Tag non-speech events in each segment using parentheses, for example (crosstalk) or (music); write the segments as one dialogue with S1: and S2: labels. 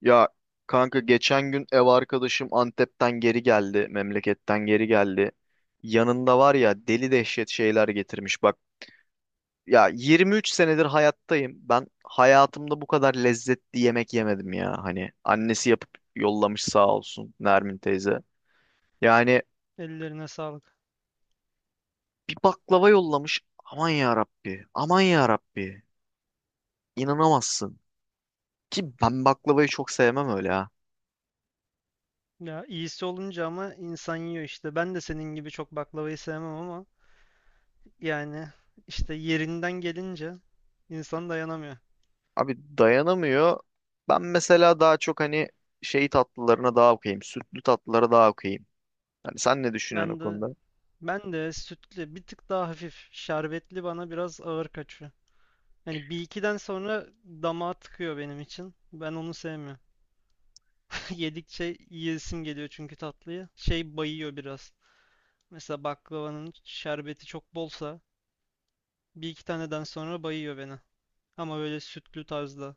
S1: Ya kanka geçen gün ev arkadaşım Antep'ten geri geldi, memleketten geri geldi. Yanında var ya deli dehşet şeyler getirmiş. Bak ya 23 senedir hayattayım. Ben hayatımda bu kadar lezzetli yemek yemedim ya. Hani annesi yapıp yollamış sağ olsun Nermin teyze. Yani
S2: Ellerine sağlık.
S1: bir baklava yollamış. Aman ya Rabbi, aman ya Rabbi. İnanamazsın. Ki ben baklavayı çok sevmem öyle.
S2: Ya iyisi olunca ama insan yiyor işte. Ben de senin gibi çok baklavayı sevmem ama yani işte yerinden gelince insan dayanamıyor.
S1: Abi dayanamıyor. Ben mesela daha çok hani şey tatlılarına daha okuyayım. Sütlü tatlılara daha okuyayım. Hani sen ne düşünüyorsun o
S2: Ben de
S1: konuda?
S2: ben de sütlü bir tık daha hafif şerbetli bana biraz ağır kaçıyor. Yani bir ikiden sonra damağa tıkıyor benim için. Ben onu sevmiyorum. (laughs) Yedikçe yiyesim geliyor çünkü tatlıyı. Şey bayıyor biraz. Mesela baklavanın şerbeti çok bolsa bir iki taneden sonra bayıyor beni. Ama böyle sütlü tarzda.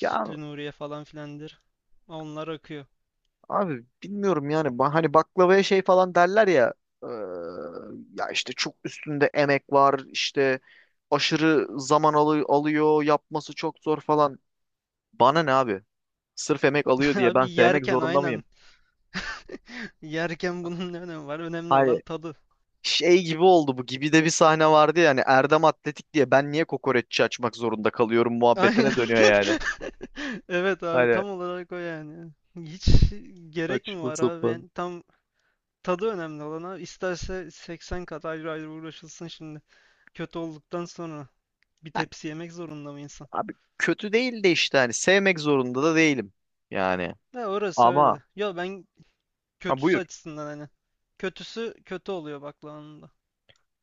S1: Ya
S2: Nuriye falan filandır. Onlar akıyor.
S1: abi bilmiyorum yani. Hani baklavaya şey falan derler ya. eee, Ya işte çok üstünde emek var. İşte aşırı zaman alıyor. Yapması çok zor falan. Bana ne abi? Sırf emek
S2: (laughs)
S1: alıyor diye
S2: Abi
S1: ben sevmek
S2: yerken
S1: zorunda mıyım?
S2: aynen. (laughs) Yerken bunun ne önemi var? Önemli olan
S1: Hayır.
S2: tadı.
S1: Şey gibi oldu, bu gibi de bir sahne vardı yani Erdem Atletik diye ben niye kokoreççi açmak zorunda kalıyorum
S2: Aynen.
S1: muhabbetine dönüyor yani.
S2: (laughs) Evet abi
S1: Hani
S2: tam olarak o yani. Hiç gerek mi
S1: saçma
S2: var abi?
S1: sapan.
S2: Yani tam tadı önemli olan abi. İsterse 80 kat ayrı ayrı uğraşılsın şimdi. Kötü olduktan sonra bir tepsi yemek zorunda mı insan?
S1: Abi kötü değil de işte hani sevmek zorunda da değilim yani.
S2: Ya orası
S1: Ama
S2: öyle. Ya ben
S1: ha
S2: kötüsü
S1: buyur.
S2: açısından hani. Kötüsü kötü oluyor baklavanın da.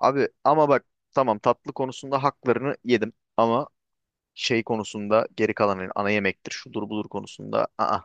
S1: Abi ama bak, tamam, tatlı konusunda haklarını yedim ama şey konusunda geri kalan hani ana yemektir şudur budur konusunda aa,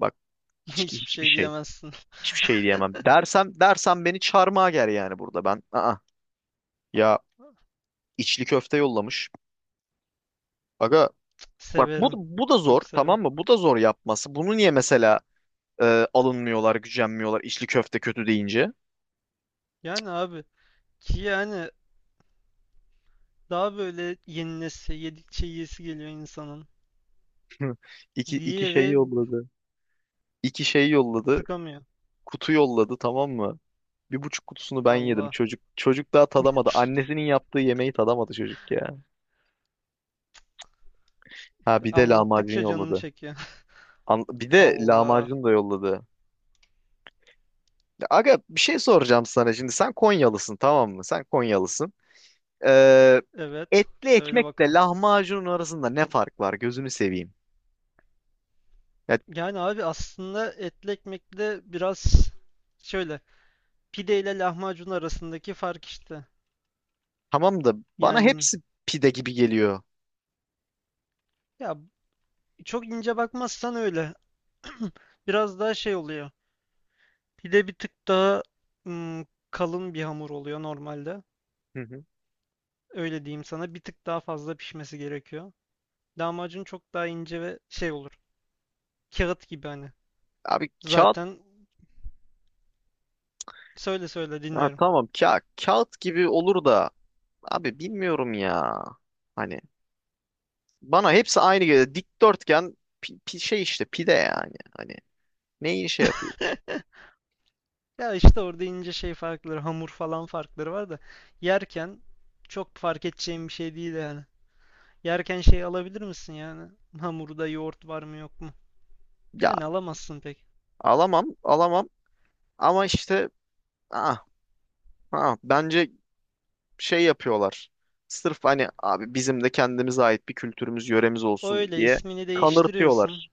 S1: bak,
S2: (laughs)
S1: hiç,
S2: Hiçbir
S1: hiçbir
S2: şey
S1: şey
S2: diyemezsin.
S1: hiçbir şey diyemem. Dersem beni çarmıha ger yani burada ben aa ya içli köfte yollamış. Aga. Bak bu,
S2: Severim.
S1: bu da zor
S2: Çok severim.
S1: tamam mı? Bu da zor yapması. Bunu niye mesela alınmıyorlar, gücenmiyorlar içli köfte kötü deyince?
S2: Yani abi ki yani daha böyle yenilesi, yedikçe yiyesi geliyor insanın.
S1: (laughs) İki şey
S2: Diğeri
S1: yolladı. İki şey yolladı.
S2: sıkamıyor.
S1: Kutu yolladı tamam mı? Bir buçuk kutusunu ben yedim.
S2: Allah.
S1: Çocuk daha tadamadı. Annesinin yaptığı yemeği tadamadı çocuk ya. Ha bir de lahmacun
S2: Anlattıkça canım
S1: yolladı.
S2: çekiyor.
S1: Bir
S2: (laughs)
S1: de
S2: Allah.
S1: lahmacun da yolladı. Ya Aga bir şey soracağım sana şimdi. Sen Konyalısın tamam mı? Sen Konyalısın. Ee,
S2: Evet.
S1: etli
S2: Söyle
S1: ekmekle
S2: bakalım.
S1: lahmacunun arasında ne fark var? Gözünü seveyim. Ya
S2: Yani abi aslında etli ekmekle biraz şöyle pide ile lahmacun arasındaki fark işte.
S1: tamam da bana
S2: Yani
S1: hepsi pide gibi geliyor.
S2: ya çok ince bakmazsan öyle. (clears throat) Biraz daha şey oluyor. Pide bir tık daha kalın bir hamur oluyor normalde.
S1: Hı hı.
S2: Öyle diyeyim sana. Bir tık daha fazla pişmesi gerekiyor. Lahmacun çok daha ince ve şey olur. Kağıt gibi hani.
S1: Abi kağıt
S2: Zaten söyle söyle
S1: ha,
S2: dinliyorum.
S1: tamam kağıt gibi olur da abi bilmiyorum ya. Hani bana hepsi aynı geliyor. Dikdörtgen şey işte pide yani. Hani neyi şey yapıyor?
S2: (laughs) Ya işte orada ince şey farkları, hamur falan farkları var da yerken çok fark edeceğim bir şey değil yani. Yerken şey alabilir misin yani? Hamurda yoğurt var mı yok mu?
S1: Ya
S2: Yani alamazsın pek.
S1: alamam ama işte ah, bence şey yapıyorlar. Sırf hani abi bizim de kendimize ait bir kültürümüz yöremiz olsun
S2: Öyle
S1: diye
S2: ismini değiştiriyorsun.
S1: kanırtıyorlar.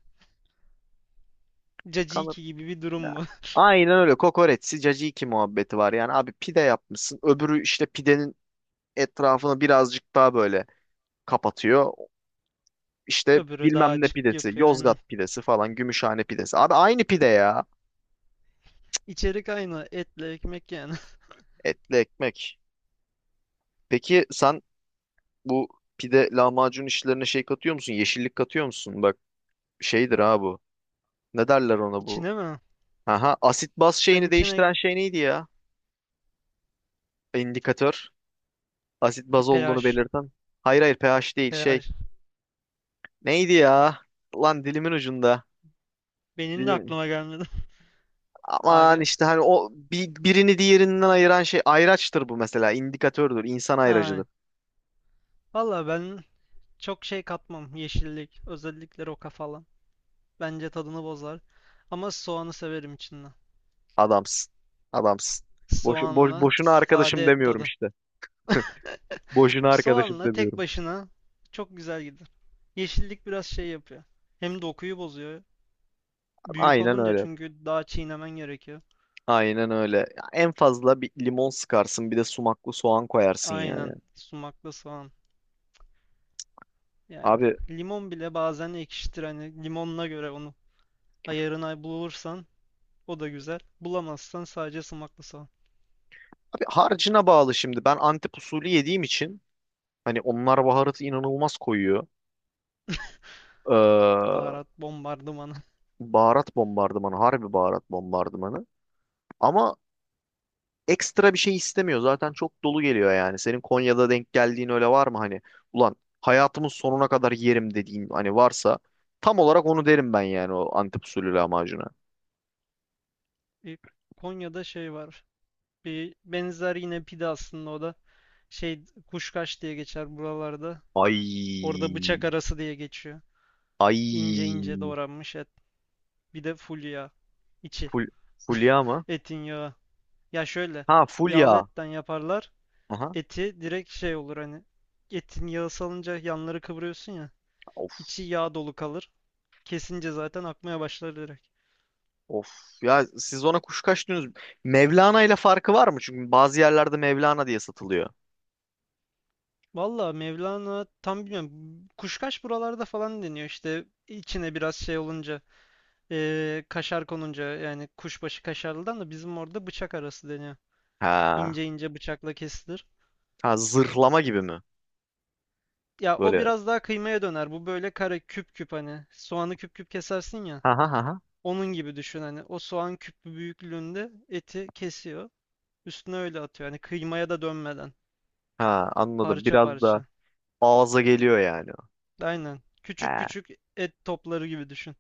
S2: Caciki gibi bir durum bu. (laughs)
S1: Aynen öyle. Kokoreçsi caciki muhabbeti var. Yani abi pide yapmışsın. Öbürü işte pidenin etrafını birazcık daha böyle kapatıyor. İşte
S2: Öbürü daha
S1: bilmem ne
S2: açık
S1: pidesi,
S2: yapıyor aynen.
S1: Yozgat pidesi falan, Gümüşhane pidesi. Abi aynı pide ya.
S2: İçerik aynı. Etle ekmek yani.
S1: Etli ekmek. Peki sen bu pide lahmacun işlerine şey katıyor musun? Yeşillik katıyor musun? Bak şeydir ha bu. Ne derler
S2: (laughs)
S1: ona bu?
S2: İçine mi?
S1: Aha, asit baz
S2: Ben
S1: şeyini
S2: içine
S1: değiştiren şey neydi ya? İndikatör. Asit baz olduğunu
S2: pH.
S1: belirten. Hayır pH değil şey.
S2: pH.
S1: Neydi ya? Lan dilimin ucunda.
S2: Benim de
S1: Dilim.
S2: aklıma gelmedi. (laughs)
S1: Aman
S2: Aga.
S1: işte hani o birini diğerinden ayıran şey ayraçtır bu mesela. İndikatördür, insan ayracıdır.
S2: Ha. Valla ben çok şey katmam. Yeşillik. Özellikle roka falan. Bence tadını bozar. Ama soğanı severim içinden.
S1: Adamsın. Adamsın.
S2: Soğanla
S1: Boşuna arkadaşım
S2: sade et
S1: demiyorum
S2: tadı.
S1: işte. Boşuna
S2: (laughs)
S1: arkadaşım
S2: Soğanla tek
S1: demiyorum.
S2: başına çok güzel gider. Yeşillik biraz şey yapıyor. Hem dokuyu bozuyor. Büyük
S1: Aynen
S2: olunca
S1: öyle.
S2: çünkü daha çiğnemen gerekiyor.
S1: Aynen öyle. Ya en fazla bir limon sıkarsın, bir de sumaklı soğan koyarsın yani.
S2: Aynen. Sumaklı soğan. Yani
S1: Abi,
S2: limon bile bazen ekşitir. Hani limonuna göre onu ayarına bulursan o da güzel. Bulamazsan sadece sumaklı soğan.
S1: Abi harcına bağlı şimdi. Ben Antep usulü yediğim için hani onlar baharatı inanılmaz koyuyor. Ee,
S2: Baharat bombardımanı. (laughs)
S1: Baharat bombardımanı, harbi baharat bombardımanı. Ama ekstra bir şey istemiyor. Zaten çok dolu geliyor yani. Senin Konya'da denk geldiğin öyle var mı hani? Ulan hayatımın sonuna kadar yerim dediğin hani varsa tam olarak onu derim ben yani o Antep usulü lahmacuna.
S2: E, Konya'da şey var. Bir benzer yine pide aslında o da. Şey kuşkaş diye geçer buralarda. Orada bıçak
S1: Ay.
S2: arası diye geçiyor. İnce ince
S1: Ay.
S2: doğranmış et. Bir de full yağ. İçi.
S1: Ful, Fulya mı?
S2: Etin yağı. Ya şöyle.
S1: Ha fulya.
S2: Yağlı etten yaparlar.
S1: Aha.
S2: Eti direkt şey olur hani etin yağı salınca yanları kıvırıyorsun ya
S1: Of
S2: içi yağ dolu kalır. Kesince zaten akmaya başlar direkt.
S1: of. Ya siz ona kuşkaş diyorsunuz. Mevlana ile farkı var mı? Çünkü bazı yerlerde Mevlana diye satılıyor.
S2: Valla Mevlana tam bilmiyorum. Kuşkaş buralarda falan deniyor işte içine biraz şey olunca kaşar konunca yani kuşbaşı kaşarlıdan da bizim orada bıçak arası deniyor.
S1: Ha.
S2: İnce ince bıçakla kesilir.
S1: Ha zırhlama gibi mi?
S2: Ya o
S1: Böyle
S2: biraz daha kıymaya döner. Bu böyle kare küp küp hani soğanı küp küp kesersin ya.
S1: ha ha ha ha.
S2: Onun gibi düşün hani o soğan küpü büyüklüğünde eti kesiyor. Üstüne öyle atıyor. Hani kıymaya da dönmeden.
S1: Ha, anladım.
S2: Parça
S1: Biraz da
S2: parça.
S1: ağza geliyor yani.
S2: Aynen.
S1: He.
S2: Küçük küçük et topları gibi düşün.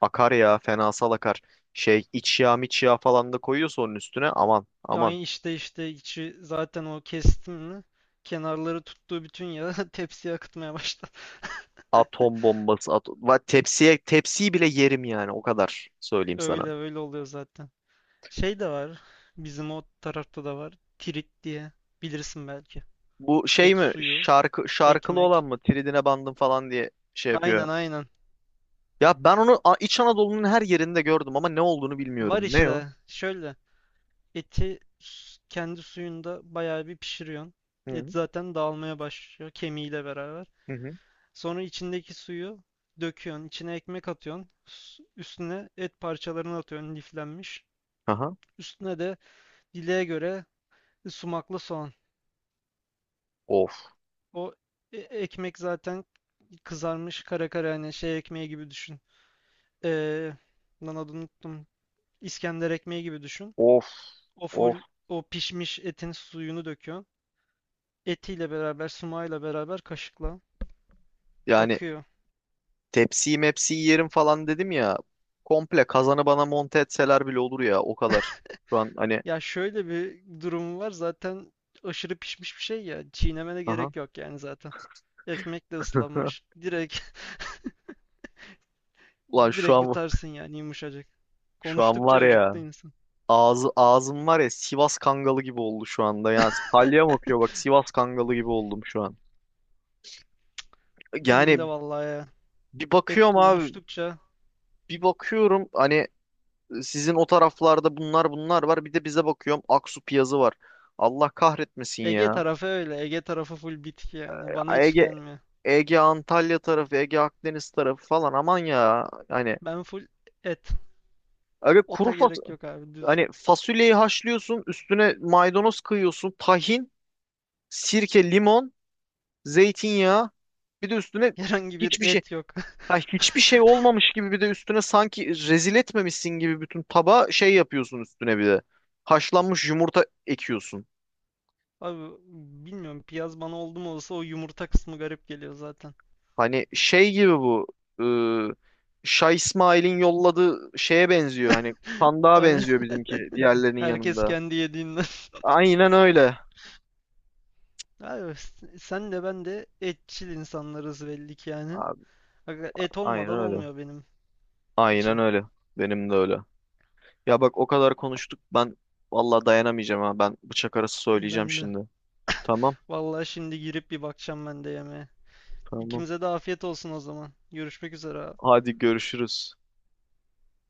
S1: Akar ya fenasal akar. Şey iç yağ miç yağ falan da koyuyorsa onun üstüne aman aman.
S2: Yani işte içi zaten o kestimini kenarları tuttuğu bütün yağı (laughs) tepsiye akıtmaya başladı. (laughs)
S1: Atom bombası. Tepsiye tepsiyi bile yerim yani o kadar söyleyeyim sana.
S2: Öyle öyle oluyor zaten. Şey de var. Bizim o tarafta da var. Tirit diye. Bilirsin belki.
S1: Bu şey
S2: Et
S1: mi,
S2: suyu,
S1: şarkılı
S2: ekmek.
S1: olan mı, tridine bandım falan diye şey yapıyor.
S2: Aynen aynen.
S1: Ya ben onu İç Anadolu'nun her yerinde gördüm ama ne olduğunu bilmiyorum.
S2: Var
S1: Ne o?
S2: işte. Şöyle. Eti kendi suyunda bayağı bir pişiriyorsun.
S1: Hı
S2: Et
S1: hı.
S2: zaten dağılmaya başlıyor kemiğiyle beraber.
S1: Hı. Hı.
S2: Sonra içindeki suyu döküyorsun. İçine ekmek atıyorsun. Üstüne et parçalarını atıyorsun liflenmiş.
S1: Aha.
S2: Üstüne de dileğe göre sumaklı soğan.
S1: Of
S2: O ekmek zaten kızarmış kara kara hani şey ekmeği gibi düşün. Ee, lan adını unuttum. İskender ekmeği gibi düşün.
S1: of
S2: O
S1: of.
S2: full o pişmiş etin suyunu döküyorsun. Etiyle beraber, sumağıyla beraber kaşıkla.
S1: Yani
S2: Akıyor.
S1: tepsiyi mepsiyi yerim falan dedim ya. Komple kazanı bana monte etseler bile olur ya o kadar. Şu an hani
S2: Ya şöyle bir durumu var zaten aşırı pişmiş bir şey ya. Çiğnemene
S1: aha.
S2: gerek yok yani zaten. Ekmekle ıslanmış.
S1: (laughs)
S2: Direkt (laughs)
S1: Ulan şu
S2: direkt
S1: an,
S2: yutarsın yani yumuşacık. Konuştukça
S1: var
S2: acıktı
S1: ya
S2: insan.
S1: ağzım var ya Sivas Kangalı gibi oldu şu anda. Yani
S2: (laughs)
S1: salyam akıyor, bak, Sivas Kangalı gibi oldum şu an.
S2: Benim de
S1: Yani
S2: vallahi ya.
S1: bir
S2: Et
S1: bakıyorum abi
S2: konuştukça
S1: bir bakıyorum hani sizin o taraflarda bunlar var, bir de bize bakıyorum Aksu Piyazı var. Allah kahretmesin
S2: Ege
S1: ya.
S2: tarafı öyle. Ege tarafı full bitki yani. Bana hiç
S1: Ege
S2: gelmiyor.
S1: Ege Antalya tarafı, Ege Akdeniz tarafı falan aman ya. Hani
S2: Ben full et.
S1: öyle kuru
S2: Ota
S1: fas
S2: gerek yok abi düz.
S1: hani fasulyeyi haşlıyorsun, üstüne maydanoz kıyıyorsun, tahin, sirke, limon, zeytinyağı, bir de üstüne
S2: (laughs) Herhangi bir
S1: hiçbir şey
S2: et yok.
S1: ha,
S2: (laughs)
S1: hiçbir şey olmamış gibi, bir de üstüne sanki rezil etmemişsin gibi bütün tabağa şey yapıyorsun üstüne bir de. Haşlanmış yumurta ekiyorsun.
S2: Abi bilmiyorum piyaz bana oldu mu olsa o yumurta kısmı garip geliyor zaten.
S1: Hani şey gibi bu ıı, Şah İsmail'in yolladığı şeye benziyor. Hani sandığa
S2: Ay-
S1: benziyor bizimki
S2: (laughs)
S1: diğerlerinin
S2: Herkes
S1: yanında.
S2: kendi yediğinden. (laughs)
S1: Aynen öyle.
S2: Abi, sen de ben de etçil insanlarız belli ki yani.
S1: Abi,
S2: Aga, et
S1: aynen
S2: olmadan
S1: öyle.
S2: olmuyor benim
S1: Aynen
S2: için.
S1: öyle. Benim de öyle. Ya bak o kadar konuştuk. Ben vallahi dayanamayacağım ha. Ben bıçak arası söyleyeceğim
S2: Ben de.
S1: şimdi. Tamam.
S2: Vallahi şimdi girip bir bakacağım ben de yemeğe.
S1: Tamam.
S2: İkimize de afiyet olsun o zaman. Görüşmek üzere abi.
S1: Hadi görüşürüz.